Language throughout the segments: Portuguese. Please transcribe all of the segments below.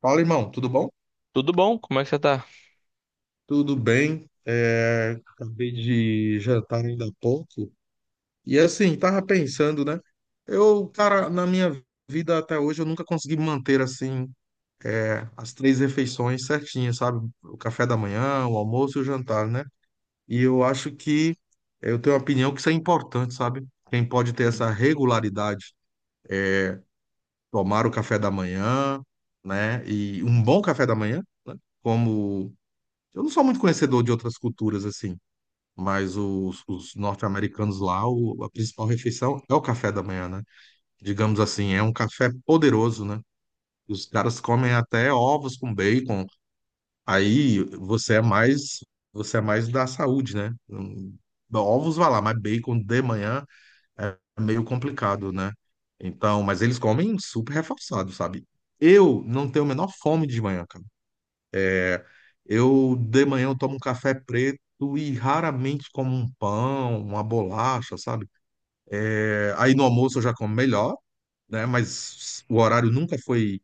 Fala, irmão, tudo bom? Tudo bom? Como é que você tá? Tudo bem. Acabei de jantar ainda há pouco. E assim, tava pensando, né? Na minha vida até hoje, eu nunca consegui manter assim as três refeições certinhas, sabe? O café da manhã, o almoço e o jantar, né? E eu acho que eu tenho a opinião que isso é importante, sabe? Quem pode ter essa regularidade, tomar o café da manhã, né? E um bom café da manhã, né? Como eu não sou muito conhecedor de outras culturas assim, mas os norte-americanos lá, a principal refeição é o café da manhã, né? Digamos assim, é um café poderoso, né? Os caras comem até ovos com bacon. Aí você é mais da saúde, né? Ovos vai lá, mas bacon de manhã é meio complicado, né? Então, mas eles comem super reforçado, sabe? Eu não tenho a menor fome de manhã, cara. Eu de manhã eu tomo um café preto e raramente como um pão, uma bolacha, sabe? É, aí no almoço eu já como melhor, né? Mas o horário nunca foi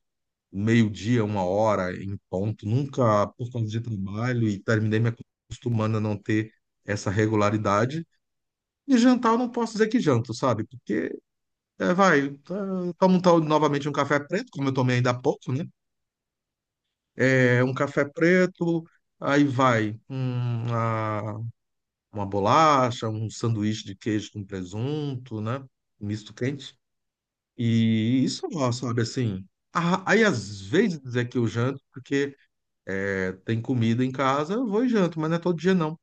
meio-dia, uma hora em ponto, nunca por causa de trabalho e terminei me acostumando a não ter essa regularidade. E jantar eu não posso dizer que janto, sabe? Porque é, vai, eh, tomo novamente um café preto, como eu tomei ainda há pouco, né? É, um café preto, aí vai. Uma bolacha, um sanduíche de queijo com presunto, né? Misto quente. E isso, ó, sabe, assim. Aí às vezes é que eu janto, porque é, tem comida em casa, eu vou e janto, mas não é todo dia não.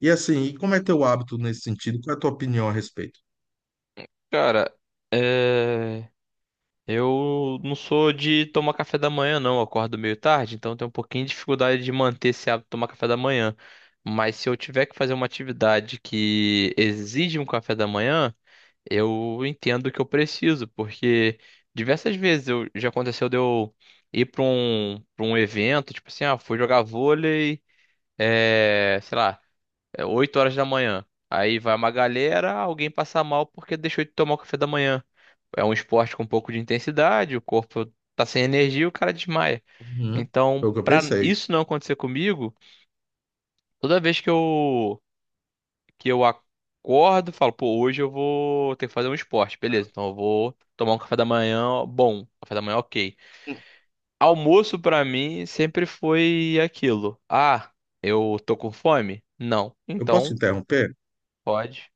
E assim, e como é teu hábito nesse sentido? Qual é a tua opinião a respeito? Cara, é... eu não sou de tomar café da manhã, não. Eu acordo meio tarde, então eu tenho um pouquinho de dificuldade de manter esse hábito de tomar café da manhã. Mas se eu tiver que fazer uma atividade que exige um café da manhã, eu entendo que eu preciso, porque diversas vezes já aconteceu de eu ir pra um evento, tipo assim, ah, fui jogar vôlei, sei lá. É 8 horas da manhã. Aí vai uma galera, alguém passa mal porque deixou de tomar o café da manhã. É um esporte com um pouco de intensidade, o corpo tá sem energia, e o cara desmaia. Uhum. Foi Então, o que eu pra pensei. isso não acontecer comigo, toda vez que eu acordo, falo, pô, hoje eu vou ter que fazer um esporte, beleza? Então eu vou tomar um café da manhã, bom, café da manhã OK. Almoço pra mim sempre foi aquilo. Ah, eu tô com fome? Não. Eu posso te Então, interromper? pode.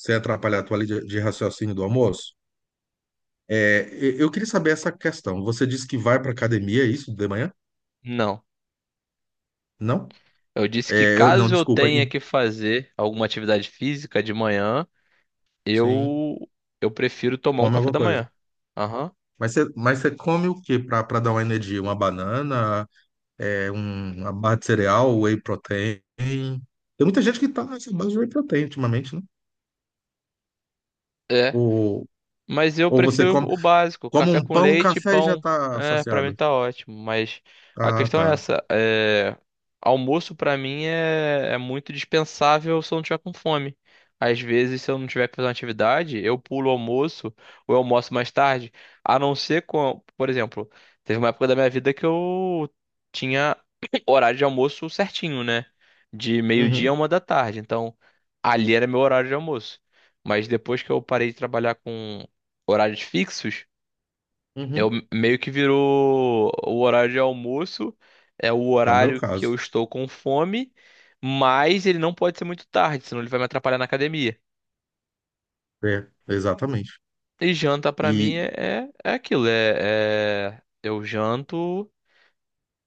Sem atrapalhar a tua linha de raciocínio do almoço? É, eu queria saber essa questão. Você disse que vai para academia, é isso, de manhã? Não. Não? Eu disse que caso eu Desculpa. tenha que fazer alguma atividade física de manhã, Sim. eu eu prefiro tomar um Come café alguma da coisa. manhã. Aham. Mas você come o que para dar uma energia? Uma banana, uma barra de cereal, whey protein. Tem muita gente que tá nessa base de whey protein ultimamente, né? É. Ou, Mas eu ou você prefiro come, o básico, come café um com pão, um leite e café e já pão. tá É, pra mim saciado. tá ótimo. Mas a Ah, questão é tá. essa, é, almoço pra mim é muito dispensável se eu não tiver com fome. Às vezes, se eu não tiver que fazer uma atividade, eu pulo o almoço ou eu almoço mais tarde. A não ser com, por exemplo, teve uma época da minha vida que eu tinha horário de almoço certinho, né? De meio-dia a Uhum, uma da tarde. Então, ali era meu horário de almoço. Mas depois que eu parei de trabalhar com horários fixos, eu uhum. meio que virou o horário de almoço, é o É o meu horário que eu caso. estou com fome, mas ele não pode ser muito tarde, senão ele vai me atrapalhar na academia. É, exatamente. E janta pra mim é aquilo, eu janto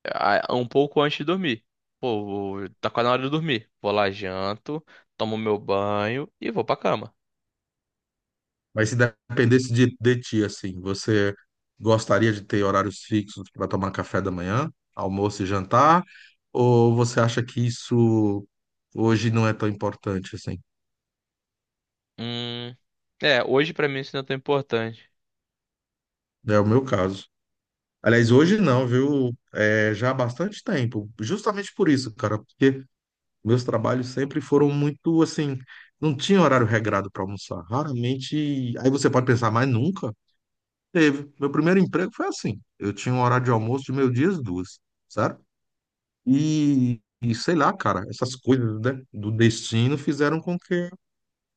ah, um pouco antes de dormir. Pô, tá quase na hora de dormir. Vou lá, janto, tomo meu banho e vou pra cama. Mas se dependesse de ti, assim, você gostaria de ter horários fixos para tomar café da manhã, almoço e jantar? Ou você acha que isso hoje não é tão importante assim? Hum, é, hoje pra mim isso não é tão importante. É o meu caso. Aliás, hoje não, viu? É, já há bastante tempo. Justamente por isso, cara, porque meus trabalhos sempre foram muito assim, não tinha horário regrado para almoçar. Raramente. Aí você pode pensar, mas nunca teve. Meu primeiro emprego foi assim. Eu tinha um horário de almoço de meio-dia às duas. Certo? E sei lá, cara, essas coisas, né, do destino fizeram com que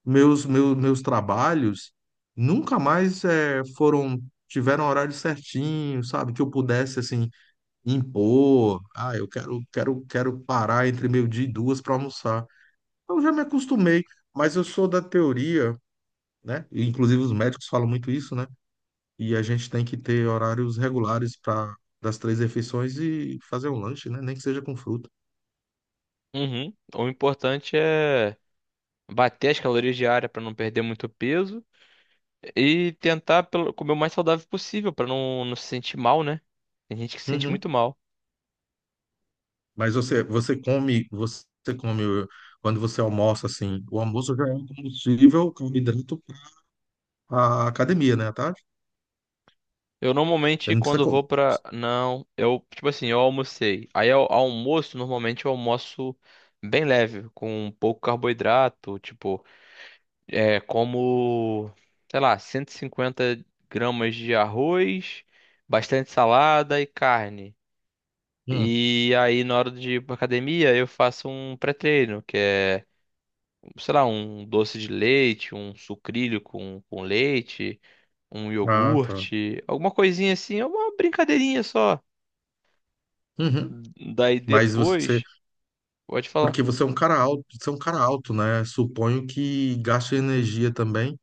meus trabalhos nunca mais tiveram horário certinho, sabe? Que eu pudesse, assim, impor. Ah, eu quero, quero, quero parar entre meio-dia e duas para almoçar. Eu já me acostumei, mas eu sou da teoria, né? Inclusive os médicos falam muito isso, né? E a gente tem que ter horários regulares para das três refeições e fazer um lanche, né? Nem que seja com fruta. Uhum. O importante é bater as calorias diárias para não perder muito peso e tentar comer o mais saudável possível para não, não se sentir mal, né? Tem gente que se sente Uhum. muito mal. Você come quando você almoça assim, o almoço já é um combustível, carboidrato para a academia, né, à tarde? Eu Você normalmente não precisa quando comer. vou pra. Não, eu tipo assim, eu almocei. Aí ao almoço normalmente eu almoço bem leve, com pouco carboidrato, tipo, é como, sei lá, 150 gramas de arroz, bastante salada e carne. Hum. E aí, na hora de ir pra academia, eu faço um pré-treino, que é, sei lá, um doce de leite, um sucrilho com leite, um Ah, tá. iogurte, alguma coisinha assim, é uma brincadeirinha só. Uhum. Daí Mas você, depois, pode falar. porque você é um cara alto, você é um cara alto, né? Suponho que gasta energia também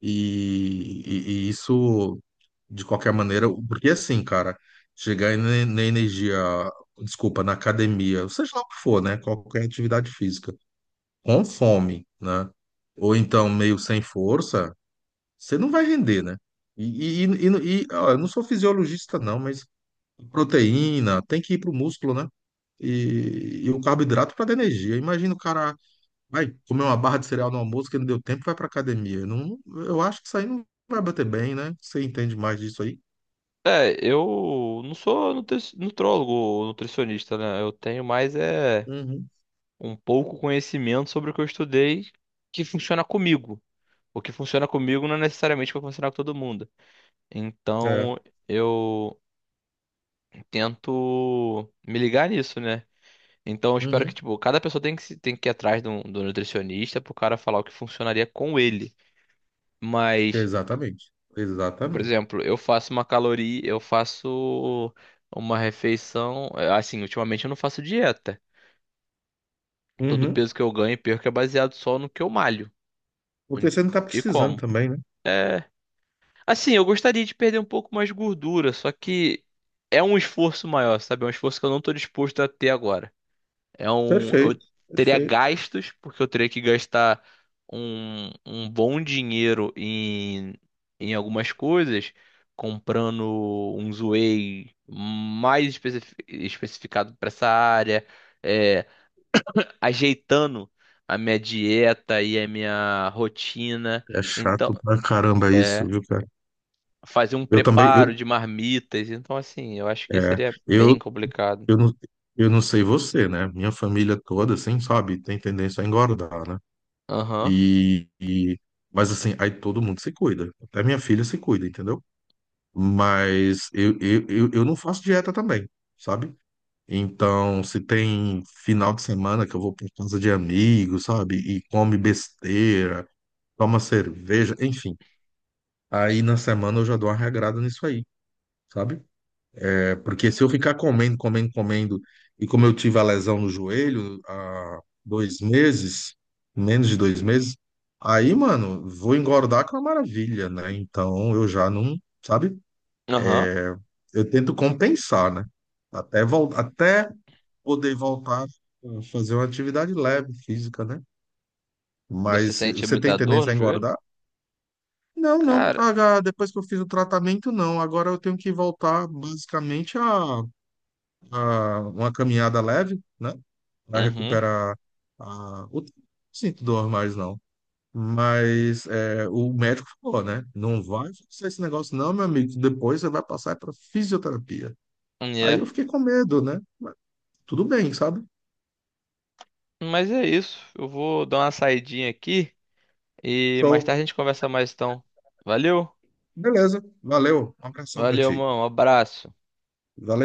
e isso de qualquer maneira, porque assim, cara, chegar na na energia, desculpa, na academia, seja lá o que for, né? Qualquer atividade física com fome, né? Ou então meio sem força, você não vai render, né? Ó, eu não sou fisiologista, não, mas proteína tem que ir pro músculo, né? E o carboidrato para dar energia. Imagina o cara vai comer uma barra de cereal no almoço que não deu tempo, vai pra academia. Não, eu acho que isso aí não vai bater bem, né? Você entende mais disso aí? É, eu não sou nutri nutrólogo ou nutricionista, né? Eu tenho mais é Uhum. um pouco conhecimento sobre o que eu estudei que funciona comigo. O que funciona comigo não é necessariamente o que vai funcionar com todo mundo. É. Então, eu tento me ligar nisso, né? Então eu espero que, Uhum. tipo, cada pessoa tem que, tem que ir atrás de um, do nutricionista pro cara falar o que funcionaria com ele. Mas, Exatamente. por Exatamente. exemplo, eu faço uma caloria, eu faço uma refeição. É, Assim, ultimamente eu não faço dieta. Todo o Uhum. peso que eu ganho e perco é baseado só no que eu malho. Hum, Porque você não tá E precisando como? também, né? É. Assim, eu gostaria de perder um pouco mais de gordura, só que é um esforço maior, sabe? É um esforço que eu não tô disposto a ter agora. É um, eu Perfeito. teria Perfeito. gastos, porque eu teria que gastar um bom dinheiro em algumas coisas, comprando um Zway mais especificado para essa área, é, ajeitando a minha dieta e a minha rotina. É Então, chato pra caramba isso, é, viu, cara? fazer um Eu também, eu, preparo de marmitas. Então, assim, eu acho que é, seria eu, bem complicado. eu não, eu não sei você, né? Minha família toda, assim, sabe, tem tendência a engordar, né? Aham, E, e- mas assim, aí todo mundo se cuida. Até minha filha se cuida, entendeu? Mas eu não faço dieta também, sabe? Então, se tem final de semana que eu vou pra casa de amigos, sabe? E come besteira, toma cerveja, enfim. Aí na semana eu já dou uma regrada nisso aí. Sabe? É porque se eu ficar comendo, comendo, comendo, e como eu tive a lesão no joelho há dois meses, menos de dois meses, aí, mano, vou engordar com a maravilha, né? Então eu já não, sabe? aham. Eu tento compensar, né? Até, até poder voltar a fazer uma atividade leve, física, né? Você Mas eh, sente você tem muita dor tendência no a joelho? engordar? Não, não. Cara. Ah, depois que eu fiz o tratamento, não. Agora eu tenho que voltar basicamente a uma caminhada leve. Né? Para Uhum. recuperar a, o sinto dor mais não. Mas é, o médico falou, né? Não vai fazer esse negócio, não, meu amigo. Depois você vai passar para fisioterapia. Aí é eu fiquei com medo, né? Mas tudo bem, sabe? Mas é isso. Eu vou dar uma saidinha aqui e mais Show. tarde a gente conversa mais então. Valeu? Beleza. Valeu. Um abração para Valeu, ti. mano. Um abraço. Valeu.